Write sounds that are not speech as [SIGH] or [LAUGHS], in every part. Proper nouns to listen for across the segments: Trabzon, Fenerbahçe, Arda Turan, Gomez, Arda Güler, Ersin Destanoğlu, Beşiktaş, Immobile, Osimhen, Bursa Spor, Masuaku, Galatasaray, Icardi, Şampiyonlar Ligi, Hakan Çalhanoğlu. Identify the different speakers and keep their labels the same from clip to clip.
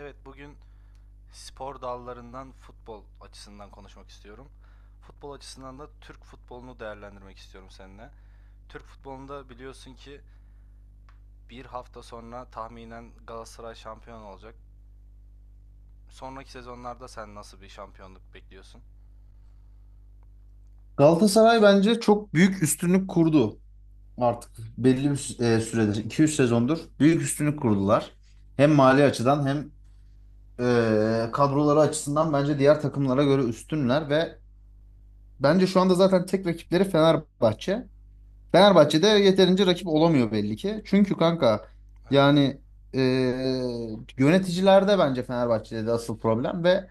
Speaker 1: Evet, bugün spor dallarından futbol açısından konuşmak istiyorum. Futbol açısından da Türk futbolunu değerlendirmek istiyorum seninle. Türk futbolunda biliyorsun ki bir hafta sonra tahminen Galatasaray şampiyon olacak. Sonraki sezonlarda sen nasıl bir şampiyonluk bekliyorsun?
Speaker 2: Galatasaray bence çok büyük üstünlük kurdu artık belli bir süredir 2-3 sezondur büyük üstünlük kurdular. Hem mali açıdan hem kadroları açısından bence diğer takımlara göre üstünler ve bence şu anda zaten tek rakipleri Fenerbahçe. Fenerbahçe de yeterince rakip olamıyor belli ki. Çünkü kanka
Speaker 1: Evet.
Speaker 2: yani e, yöneticilerde bence Fenerbahçe'de de asıl problem ve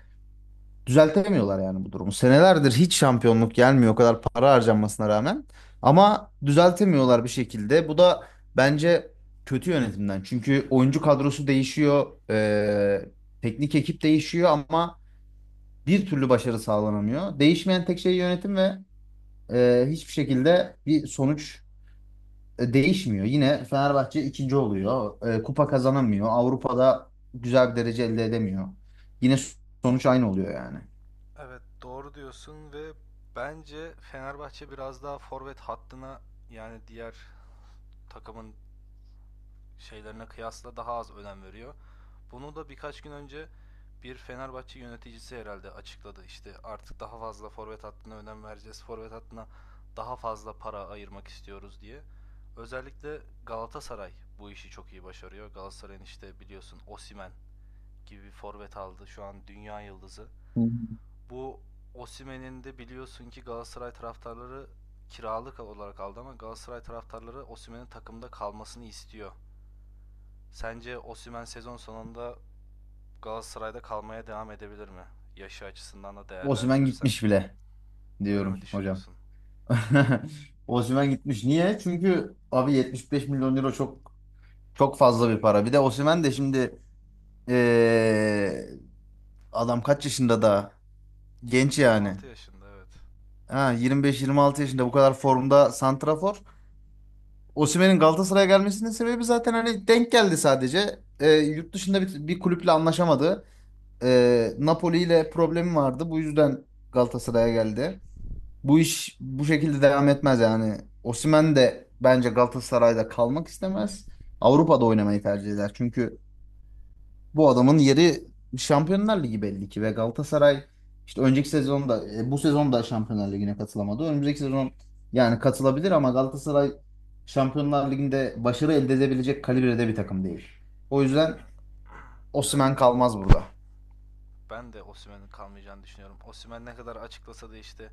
Speaker 2: düzeltemiyorlar yani bu durumu. Senelerdir hiç şampiyonluk gelmiyor o kadar para harcanmasına rağmen. Ama düzeltemiyorlar bir şekilde. Bu da bence kötü yönetimden. Çünkü oyuncu kadrosu değişiyor, teknik ekip değişiyor ama bir türlü başarı sağlanamıyor. Değişmeyen tek şey yönetim ve hiçbir şekilde bir sonuç değişmiyor. Yine Fenerbahçe ikinci oluyor. Kupa kazanamıyor. Avrupa'da güzel bir derece elde edemiyor. Yine sonuç aynı oluyor yani.
Speaker 1: Evet, doğru diyorsun ve bence Fenerbahçe biraz daha forvet hattına, yani diğer takımın şeylerine kıyasla, daha az önem veriyor. Bunu da birkaç gün önce bir Fenerbahçe yöneticisi herhalde açıkladı. İşte artık daha fazla forvet hattına önem vereceğiz, forvet hattına daha fazla para ayırmak istiyoruz diye. Özellikle Galatasaray bu işi çok iyi başarıyor. Galatasaray'ın işte biliyorsun Osimen gibi bir forvet aldı. Şu an dünya yıldızı. Bu Osimen'in de biliyorsun ki Galatasaray taraftarları kiralık olarak aldı ama Galatasaray taraftarları Osimhen'in takımda kalmasını istiyor. Sence Osimhen sezon sonunda Galatasaray'da kalmaya devam edebilir mi? Yaşı açısından da
Speaker 2: Osimhen
Speaker 1: değerlendirirsen.
Speaker 2: gitmiş bile
Speaker 1: Öyle
Speaker 2: diyorum
Speaker 1: mi
Speaker 2: hocam.
Speaker 1: düşünüyorsun?
Speaker 2: [LAUGHS] Osimhen gitmiş. Niye? Çünkü abi 75 milyon euro çok çok fazla bir para. Bir de Osimhen de şimdi eee, adam kaç yaşında da genç yani.
Speaker 1: 25-26 yaşında, evet.
Speaker 2: Ha 25-26 yaşında bu kadar formda santrafor. Osimhen'in Galatasaray'a gelmesinin sebebi zaten hani denk geldi sadece. Yurt dışında bir kulüple anlaşamadı. Napoli ile problemi vardı. Bu yüzden Galatasaray'a geldi. Bu iş bu şekilde devam etmez yani. Osimhen de bence Galatasaray'da kalmak istemez. Avrupa'da oynamayı tercih eder. Çünkü bu adamın yeri Şampiyonlar Ligi belli ki ve Galatasaray işte önceki sezonda bu sezon da Şampiyonlar Ligi'ne katılamadı. Önümüzdeki sezon yani katılabilir ama Galatasaray Şampiyonlar Ligi'nde başarı elde edebilecek kalibrede bir takım değil. O
Speaker 1: Yani
Speaker 2: yüzden
Speaker 1: [CLEARS THROAT] [LAUGHS] evet,
Speaker 2: Osimhen kalmaz burada.
Speaker 1: ben de Osimhen'in kalmayacağını düşünüyorum. Osimhen ne kadar açıklasa da işte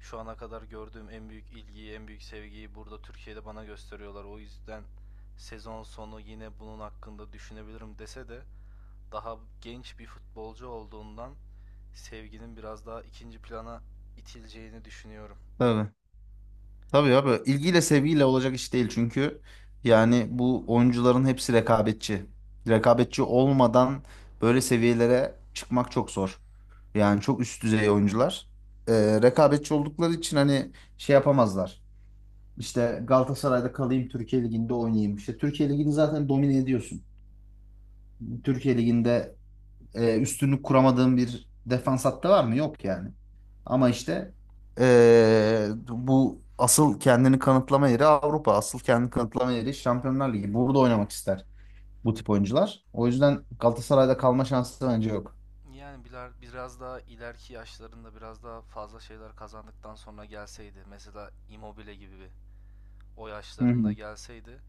Speaker 1: şu ana kadar gördüğüm en büyük ilgiyi, en büyük sevgiyi burada Türkiye'de bana gösteriyorlar, o yüzden sezon sonu yine bunun hakkında düşünebilirim dese de, daha genç bir futbolcu olduğundan Sevgi'nin biraz daha ikinci plana itileceğini düşünüyorum.
Speaker 2: Tabii. Tabii abi ilgiyle sevgiyle olacak iş değil çünkü yani bu oyuncuların hepsi rekabetçi. Rekabetçi olmadan böyle seviyelere çıkmak çok zor. Yani çok üst düzey oyuncular. Rekabetçi oldukları için hani şey yapamazlar. İşte Galatasaray'da kalayım Türkiye Ligi'nde oynayayım. İşte Türkiye Ligi'ni zaten domine ediyorsun. Türkiye Ligi'nde üstünlük kuramadığın bir defans hattı var mı? Yok yani. Ama
Speaker 1: Evet.
Speaker 2: işte bu asıl kendini kanıtlama yeri Avrupa. Asıl kendini kanıtlama yeri Şampiyonlar Ligi. Burada oynamak ister bu tip oyuncular. O yüzden Galatasaray'da kalma şansı bence yok.
Speaker 1: Yani biraz daha ileriki yaşlarında, biraz daha fazla şeyler kazandıktan sonra gelseydi, mesela Immobile gibi bir o
Speaker 2: Hı
Speaker 1: yaşlarında
Speaker 2: hı.
Speaker 1: gelseydi,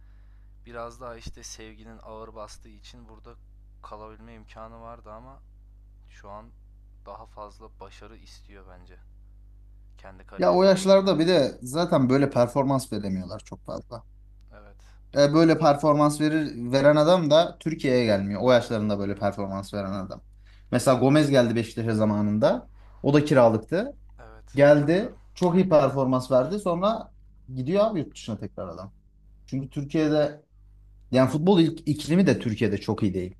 Speaker 1: biraz daha işte Sevgi'nin ağır bastığı için burada kalabilme imkanı vardı ama şu an daha fazla başarı istiyor bence kendi
Speaker 2: Ya o
Speaker 1: kariyerinde Osimhen.
Speaker 2: yaşlarda bir de zaten böyle performans veremiyorlar çok fazla.
Speaker 1: Evet.
Speaker 2: Böyle performans veren adam da Türkiye'ye gelmiyor. O yaşlarında böyle performans veren adam. Mesela Gomez geldi Beşiktaş'a zamanında. O da kiralıktı.
Speaker 1: Evet,
Speaker 2: Geldi.
Speaker 1: hatırlıyorum.
Speaker 2: Çok iyi performans verdi. Sonra gidiyor abi yurt dışına tekrar adam. Çünkü Türkiye'de yani futbol iklimi de Türkiye'de çok iyi değil.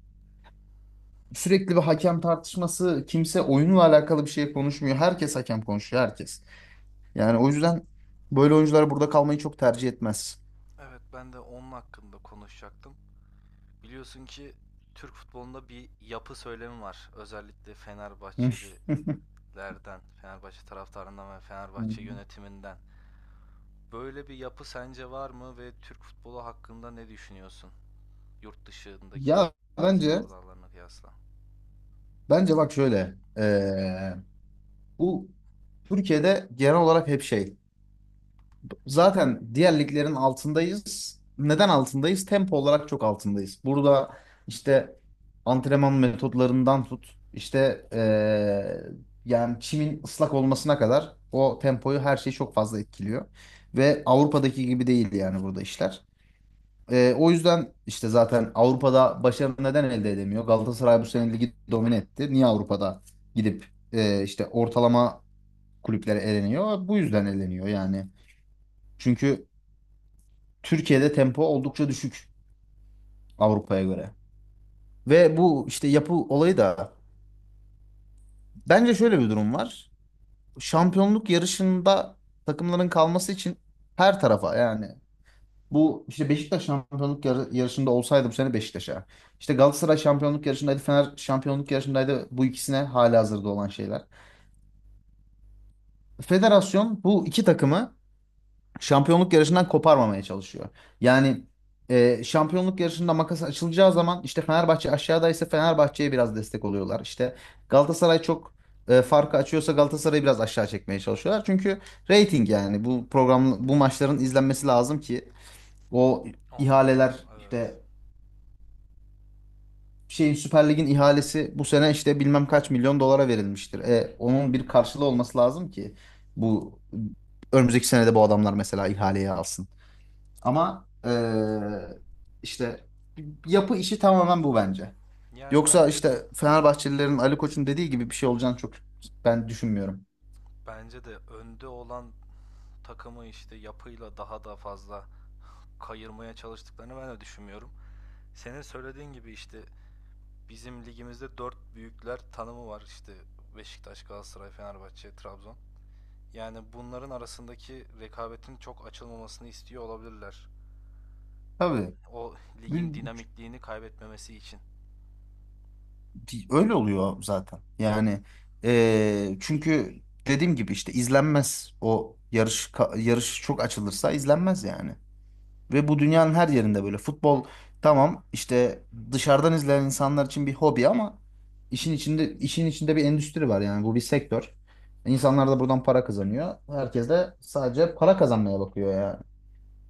Speaker 2: Sürekli bir hakem tartışması, kimse oyunla alakalı bir şey konuşmuyor. Herkes hakem konuşuyor, herkes. Yani o yüzden böyle oyuncular burada kalmayı çok tercih etmez.
Speaker 1: Evet, ben de onun hakkında konuşacaktım. Biliyorsun ki Türk futbolunda bir yapı söylemi var, özellikle Fenerbahçelilerden,
Speaker 2: [LAUGHS]
Speaker 1: Fenerbahçe taraftarından ve Fenerbahçe yönetiminden. Böyle bir yapı sence var mı ve Türk futbolu hakkında ne düşünüyorsun, yurt dışındaki
Speaker 2: Ya bence
Speaker 1: spor dallarına kıyasla?
Speaker 2: bence bak şöyle bu Türkiye'de genel olarak hep şey. Zaten diğer liglerin altındayız. Neden altındayız? Tempo olarak çok altındayız. Burada işte antrenman metodlarından tut, işte yani çimin ıslak olmasına kadar o tempoyu her şey çok fazla etkiliyor. Ve Avrupa'daki gibi değil yani burada işler. O yüzden işte zaten Avrupa'da başarı neden elde edemiyor? Galatasaray bu sene ligi domine etti. Niye Avrupa'da gidip işte ortalama kulüplere eleniyor? Bu yüzden eleniyor yani. Çünkü Türkiye'de tempo oldukça düşük Avrupa'ya göre. Ve bu işte yapı olayı da bence şöyle bir durum var. Şampiyonluk yarışında takımların kalması için her tarafa yani bu işte Beşiktaş şampiyonluk yarışında olsaydı bu sene Beşiktaş'a. İşte Galatasaray şampiyonluk yarışındaydı, Fener şampiyonluk yarışındaydı. Bu ikisine halihazırda olan şeyler. Federasyon bu iki takımı şampiyonluk yarışından koparmamaya çalışıyor. Yani şampiyonluk yarışında makas açılacağı zaman işte Fenerbahçe aşağıdaysa Fenerbahçe'ye biraz destek oluyorlar. İşte Galatasaray çok farkı açıyorsa Galatasaray'ı biraz aşağı çekmeye çalışıyorlar. Çünkü reyting yani bu program bu maçların izlenmesi lazım ki o
Speaker 1: Onlar da,
Speaker 2: ihaleler
Speaker 1: evet.
Speaker 2: işte şeyin Süper Lig'in ihalesi bu sene işte bilmem kaç milyon dolara verilmiştir. Onun bir karşılığı olması lazım ki bu önümüzdeki senede bu adamlar mesela ihaleye alsın. Ama işte yapı işi tamamen bu bence.
Speaker 1: Yani
Speaker 2: Yoksa
Speaker 1: bence de
Speaker 2: işte Fenerbahçelilerin Ali Koç'un dediği gibi bir şey olacağını çok ben düşünmüyorum.
Speaker 1: bence de önde olan takımı işte yapıyla daha da fazla kayırmaya çalıştıklarını ben de düşünmüyorum. Senin söylediğin gibi işte bizim ligimizde dört büyükler tanımı var, işte Beşiktaş, Galatasaray, Fenerbahçe, Trabzon. Yani bunların arasındaki rekabetin çok açılmamasını istiyor olabilirler.
Speaker 2: Tabii.
Speaker 1: O ligin
Speaker 2: Bir-
Speaker 1: dinamikliğini kaybetmemesi için.
Speaker 2: Öyle oluyor zaten. Yani çünkü dediğim gibi işte izlenmez o yarış yarış çok açılırsa izlenmez yani. Ve bu dünyanın her yerinde böyle. Futbol tamam işte dışarıdan izleyen insanlar için bir hobi ama işin içinde bir endüstri var yani bu bir sektör. İnsanlar da buradan para kazanıyor. Herkes de sadece para kazanmaya bakıyor yani.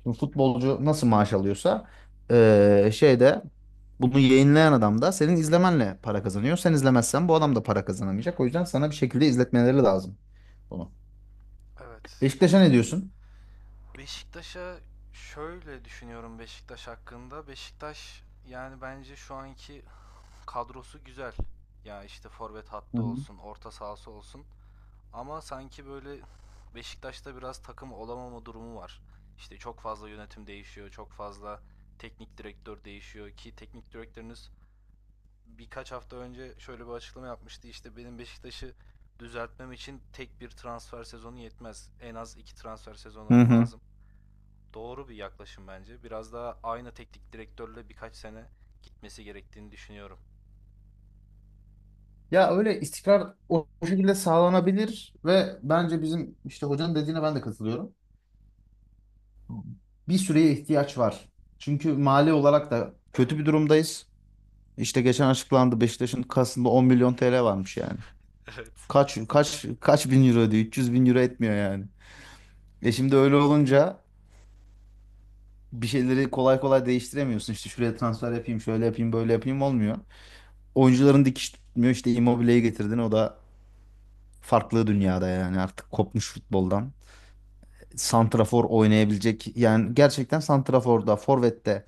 Speaker 2: Şimdi futbolcu nasıl maaş alıyorsa şeyde bunu yayınlayan adam da senin izlemenle para kazanıyor. Sen izlemezsen bu adam da para kazanamayacak. O yüzden sana bir şekilde izletmeleri lazım bunu.
Speaker 1: Evet.
Speaker 2: Beşiktaş'a ne diyorsun?
Speaker 1: Beşiktaş'a şöyle düşünüyorum Beşiktaş hakkında. Beşiktaş, yani bence şu anki kadrosu güzel. Ya işte forvet
Speaker 2: Hı
Speaker 1: hattı
Speaker 2: hı.
Speaker 1: olsun, orta sahası olsun. Ama sanki böyle Beşiktaş'ta biraz takım olamama durumu var. İşte çok fazla yönetim değişiyor, çok fazla teknik direktör değişiyor ki teknik direktörünüz birkaç hafta önce şöyle bir açıklama yapmıştı. İşte benim Beşiktaş'ı düzeltmem için tek bir transfer sezonu yetmez, en az iki transfer
Speaker 2: Hı
Speaker 1: sezonu
Speaker 2: hı.
Speaker 1: lazım. Doğru bir yaklaşım bence. Biraz daha aynı teknik direktörle birkaç sene gitmesi gerektiğini düşünüyorum.
Speaker 2: Ya öyle istikrar o şekilde sağlanabilir ve bence bizim işte hocanın dediğine ben de katılıyorum. Bir süreye ihtiyaç var. Çünkü mali olarak da kötü bir durumdayız. İşte geçen açıklandı Beşiktaş'ın kasında 10 milyon TL varmış yani.
Speaker 1: Evet.
Speaker 2: Kaç bin euro diyor? 300 bin euro etmiyor yani. Şimdi öyle olunca bir şeyleri kolay kolay değiştiremiyorsun. İşte şuraya transfer yapayım, şöyle yapayım, böyle yapayım olmuyor. Oyuncuların dikiş tutmuyor. İşte Immobile'yi getirdin. O da farklı dünyada yani artık kopmuş futboldan. Santrafor oynayabilecek yani gerçekten santraforda, forvette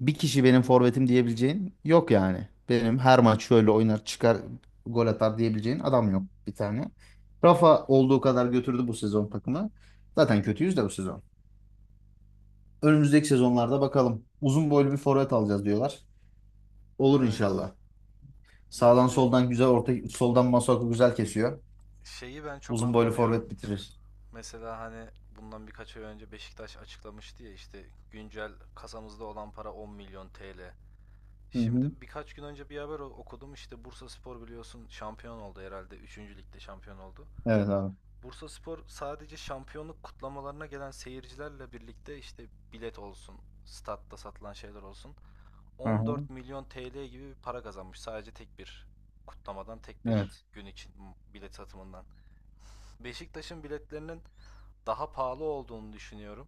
Speaker 2: bir kişi benim forvetim diyebileceğin yok yani. Benim her maç şöyle oynar çıkar gol atar diyebileceğin adam yok bir tane. Rafa olduğu kadar götürdü bu sezon takımı. Zaten kötüyüz de bu sezon. Önümüzdeki sezonlarda bakalım. Uzun boylu bir forvet alacağız diyorlar. Olur
Speaker 1: Evet.
Speaker 2: inşallah.
Speaker 1: Ya
Speaker 2: Sağdan
Speaker 1: bir de
Speaker 2: soldan güzel orta soldan Masuaku güzel kesiyor.
Speaker 1: şeyi ben çok
Speaker 2: Uzun boylu
Speaker 1: anlamıyorum.
Speaker 2: forvet bitirir.
Speaker 1: Mesela hani bundan birkaç ay önce Beşiktaş açıklamıştı ya işte güncel kasamızda olan para 10 milyon TL.
Speaker 2: Hı
Speaker 1: Şimdi
Speaker 2: hı.
Speaker 1: birkaç gün önce bir haber okudum, işte Bursa Spor biliyorsun şampiyon oldu herhalde, üçüncü ligde şampiyon oldu.
Speaker 2: Evet abi.
Speaker 1: Bursa Spor sadece şampiyonluk kutlamalarına gelen seyircilerle birlikte, işte bilet olsun, statta satılan şeyler olsun,
Speaker 2: Hı hı.
Speaker 1: 14 milyon TL gibi bir para kazanmış, sadece tek bir kutlamadan, tek bir
Speaker 2: Evet.
Speaker 1: gün için, bilet satımından. Beşiktaş'ın biletlerinin daha pahalı olduğunu düşünüyorum.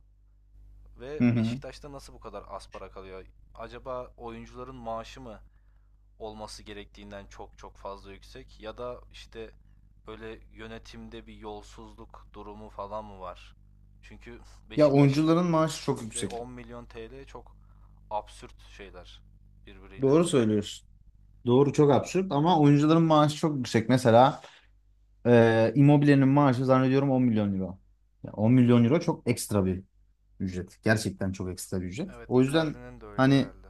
Speaker 2: Hı
Speaker 1: Ve
Speaker 2: hı.
Speaker 1: Beşiktaş'ta nasıl bu kadar az para kalıyor? Acaba oyuncuların maaşı mı olması gerektiğinden çok çok fazla yüksek, ya da işte böyle yönetimde bir yolsuzluk durumu falan mı var? Çünkü
Speaker 2: Ya
Speaker 1: Beşiktaş
Speaker 2: oyuncuların maaşı çok
Speaker 1: ve
Speaker 2: yüksek.
Speaker 1: 10 milyon TL çok absürt şeyler birbiriyle.
Speaker 2: Doğru söylüyorsun. Doğru çok absürt ama oyuncuların maaşı çok yüksek. Mesela Immobile'nin maaşı zannediyorum 10 milyon euro. Ya 10 milyon euro çok ekstra bir ücret. Gerçekten çok ekstra bir ücret.
Speaker 1: Evet,
Speaker 2: O yüzden
Speaker 1: Icardi'nin de öyle
Speaker 2: hani
Speaker 1: herhalde.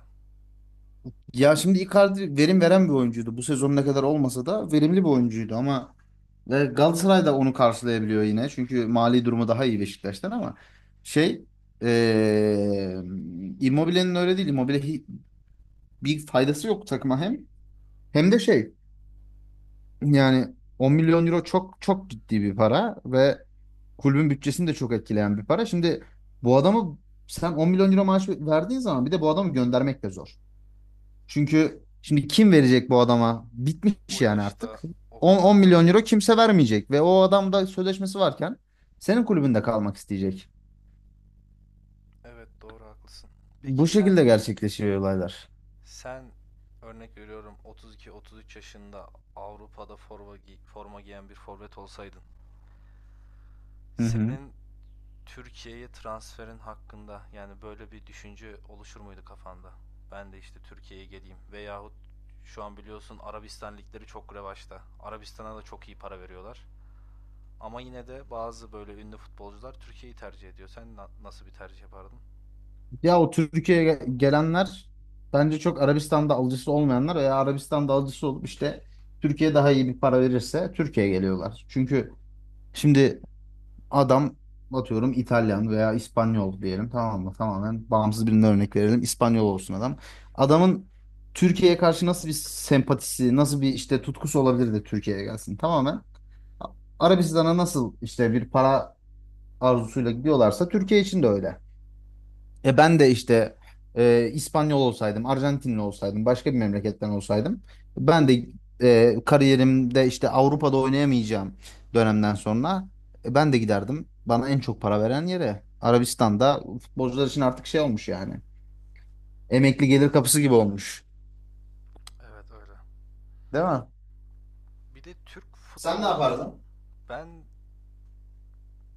Speaker 2: ya şimdi Icardi verim veren bir oyuncuydu. Bu sezon ne kadar olmasa da verimli bir oyuncuydu ama ve Galatasaray da onu karşılayabiliyor yine. Çünkü mali durumu daha iyi Beşiktaş'tan ama şey e, Immobile'nin öyle değil. Immobile bir faydası yok takıma hem. Hem de şey. Yani 10 milyon euro çok çok ciddi bir para ve kulübün bütçesini de çok etkileyen bir para. Şimdi bu adamı sen 10 milyon euro maaş verdiğin zaman bir de bu adamı göndermek de zor. Çünkü şimdi kim verecek bu adama? Bitmiş
Speaker 1: O
Speaker 2: yani artık.
Speaker 1: yaşta o
Speaker 2: 10,
Speaker 1: kadar
Speaker 2: 10 milyon
Speaker 1: parayı.
Speaker 2: euro kimse vermeyecek ve o adam da sözleşmesi varken senin kulübünde kalmak isteyecek.
Speaker 1: Evet, doğru haklısın. Peki
Speaker 2: Bu
Speaker 1: sen
Speaker 2: şekilde gerçekleşiyor olaylar.
Speaker 1: Sen örnek veriyorum 32-33 yaşında Avrupa'da forma giyen bir forvet olsaydın.
Speaker 2: Hı hı.
Speaker 1: Senin Türkiye'ye transferin hakkında, yani böyle bir düşünce oluşur muydu kafanda? Ben de işte Türkiye'ye geleyim veyahut, şu an biliyorsun Arabistan ligleri çok revaçta, Arabistan'a da çok iyi para veriyorlar. Ama yine de bazı böyle ünlü futbolcular Türkiye'yi tercih ediyor. Sen nasıl bir tercih yapardın?
Speaker 2: Ya o Türkiye'ye gelenler bence çok Arabistan'da alıcısı olmayanlar veya Arabistan'da alıcısı olup işte Türkiye daha iyi bir para verirse Türkiye'ye geliyorlar. Çünkü şimdi adam atıyorum İtalyan veya İspanyol diyelim tamam mı? Tamamen bağımsız birine örnek verelim. İspanyol olsun adam. Adamın Türkiye'ye karşı nasıl bir sempatisi, nasıl bir işte tutkusu olabilir de Türkiye'ye gelsin. Tamamen Arabistan'a nasıl işte bir para arzusuyla gidiyorlarsa Türkiye için de öyle. Ben de işte İspanyol olsaydım, Arjantinli olsaydım, başka bir memleketten olsaydım ben de kariyerimde işte Avrupa'da oynayamayacağım dönemden sonra ben de giderdim. Bana en çok para veren yere Arabistan'da futbolcular için artık şey olmuş yani. Emekli gelir kapısı gibi olmuş.
Speaker 1: Evet, öyle.
Speaker 2: Değil mi?
Speaker 1: Bir de Türk
Speaker 2: Sen ne
Speaker 1: futbolcuların,
Speaker 2: yapardın?
Speaker 1: ben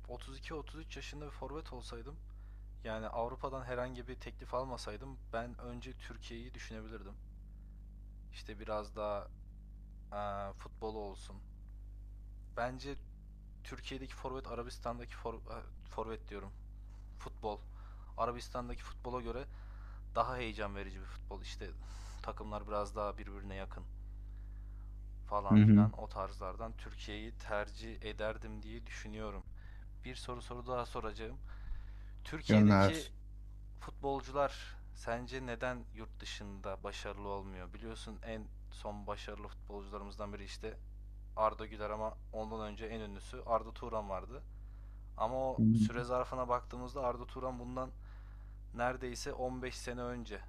Speaker 1: 32-33 yaşında bir forvet olsaydım, yani Avrupa'dan herhangi bir teklif almasaydım, ben önce Türkiye'yi düşünebilirdim. İşte biraz daha futbolu olsun. Bence Türkiye'deki forvet Arabistan'daki forvet diyorum. Futbol. Arabistan'daki futbola göre daha heyecan verici bir futbol. İşte takımlar biraz daha birbirine yakın
Speaker 2: Hı
Speaker 1: falan
Speaker 2: hı.
Speaker 1: filan, o tarzlardan Türkiye'yi tercih ederdim diye düşünüyorum. Bir soru daha soracağım. Türkiye'deki
Speaker 2: Gönder.
Speaker 1: futbolcular sence neden yurt dışında başarılı olmuyor? Biliyorsun en son başarılı futbolcularımızdan biri işte Arda Güler, ama ondan önce en ünlüsü Arda Turan vardı. Ama o
Speaker 2: Hı hı.
Speaker 1: süre zarfına baktığımızda Arda Turan bundan neredeyse 15 sene önce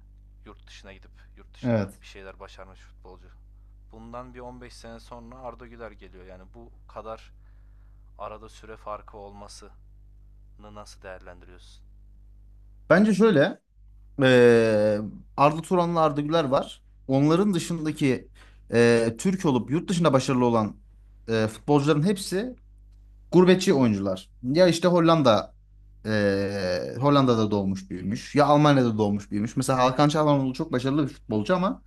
Speaker 1: yurt dışına gidip yurt dışında
Speaker 2: Evet.
Speaker 1: bir şeyler başarmış futbolcu. Bundan bir 15 sene sonra Arda Güler geliyor. Yani bu kadar arada süre farkı olmasını nasıl değerlendiriyorsun?
Speaker 2: Bence şöyle. Ee, Arda Turan'la Arda Güler var. Onların dışındaki Türk olup yurt dışında başarılı olan futbolcuların hepsi gurbetçi oyuncular. Ya işte Hollanda Hollanda'da doğmuş büyümüş ya Almanya'da doğmuş büyümüş. Mesela Hakan Çalhanoğlu çok başarılı bir futbolcu ama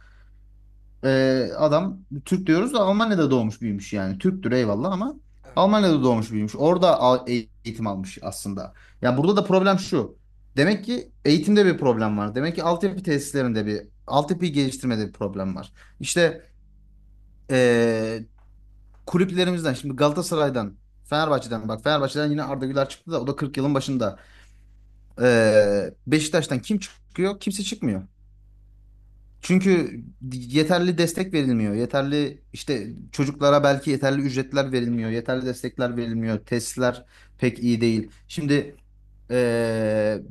Speaker 2: adam Türk diyoruz da Almanya'da doğmuş büyümüş yani. Türktür eyvallah ama
Speaker 1: Evet, öyle.
Speaker 2: Almanya'da doğmuş büyümüş. Orada eğitim almış aslında. Ya burada da problem şu. Demek ki eğitimde bir problem var. Demek ki altyapı tesislerinde bir altyapı geliştirmede bir problem var. İşte ee, kulüplerimizden şimdi Galatasaray'dan Fenerbahçe'den bak Fenerbahçe'den yine Arda Güler çıktı da o da 40 yılın başında. Beşiktaş'tan kim çıkıyor? Kimse çıkmıyor.
Speaker 1: Evet,
Speaker 2: Çünkü yeterli destek verilmiyor. Yeterli işte çocuklara belki yeterli ücretler verilmiyor. Yeterli destekler verilmiyor. Testler pek iyi değil. Şimdi eee,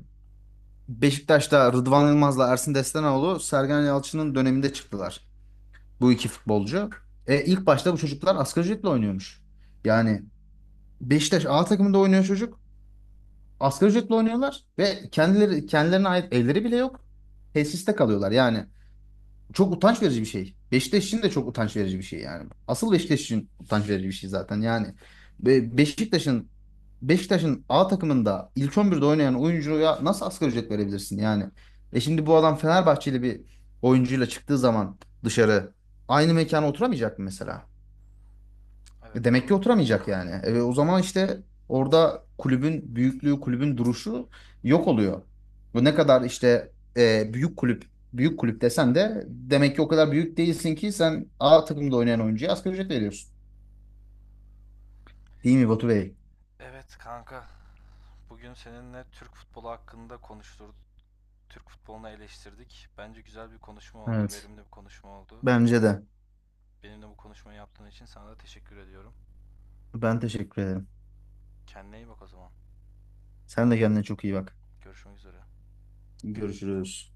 Speaker 2: Beşiktaş'ta Rıdvan Yılmaz'la Ersin Destanoğlu Sergen Yalçın'ın döneminde çıktılar. Bu iki futbolcu. E, ilk başta bu çocuklar asgari ücretle oynuyormuş. Yani Beşiktaş A takımında oynuyor çocuk. Asgari ücretle oynuyorlar ve kendileri kendilerine ait evleri bile yok. Tesiste kalıyorlar. Yani çok utanç verici bir şey. Beşiktaş için de çok utanç verici bir şey yani. Asıl Beşiktaş için utanç verici bir şey zaten yani. Be- Beşiktaş'ın Beşiktaş'ın A takımında ilk 11'de oynayan oyuncuya nasıl asgari ücret verebilirsin yani? Şimdi bu adam Fenerbahçeli bir oyuncuyla çıktığı zaman dışarı aynı mekana oturamayacak mı mesela?
Speaker 1: evet,
Speaker 2: Demek ki
Speaker 1: doğru.
Speaker 2: oturamayacak yani. O zaman işte orada kulübün büyüklüğü, kulübün duruşu yok oluyor. Bu ne kadar işte büyük kulüp, büyük kulüp desen de demek ki o kadar büyük değilsin ki sen A takımda oynayan oyuncuya asgari ücret veriyorsun. Değil mi Batu Bey?
Speaker 1: Evet kanka, bugün seninle Türk futbolu hakkında konuştuk. Türk futbolunu eleştirdik. Bence güzel bir konuşma oldu,
Speaker 2: Evet.
Speaker 1: verimli bir konuşma oldu.
Speaker 2: Bence de.
Speaker 1: Benimle bu konuşmayı yaptığın için sana da teşekkür ediyorum.
Speaker 2: Ben teşekkür ederim.
Speaker 1: Kendine iyi bak o zaman.
Speaker 2: Sen de kendine çok iyi bak.
Speaker 1: Görüşmek üzere.
Speaker 2: Görüşürüz.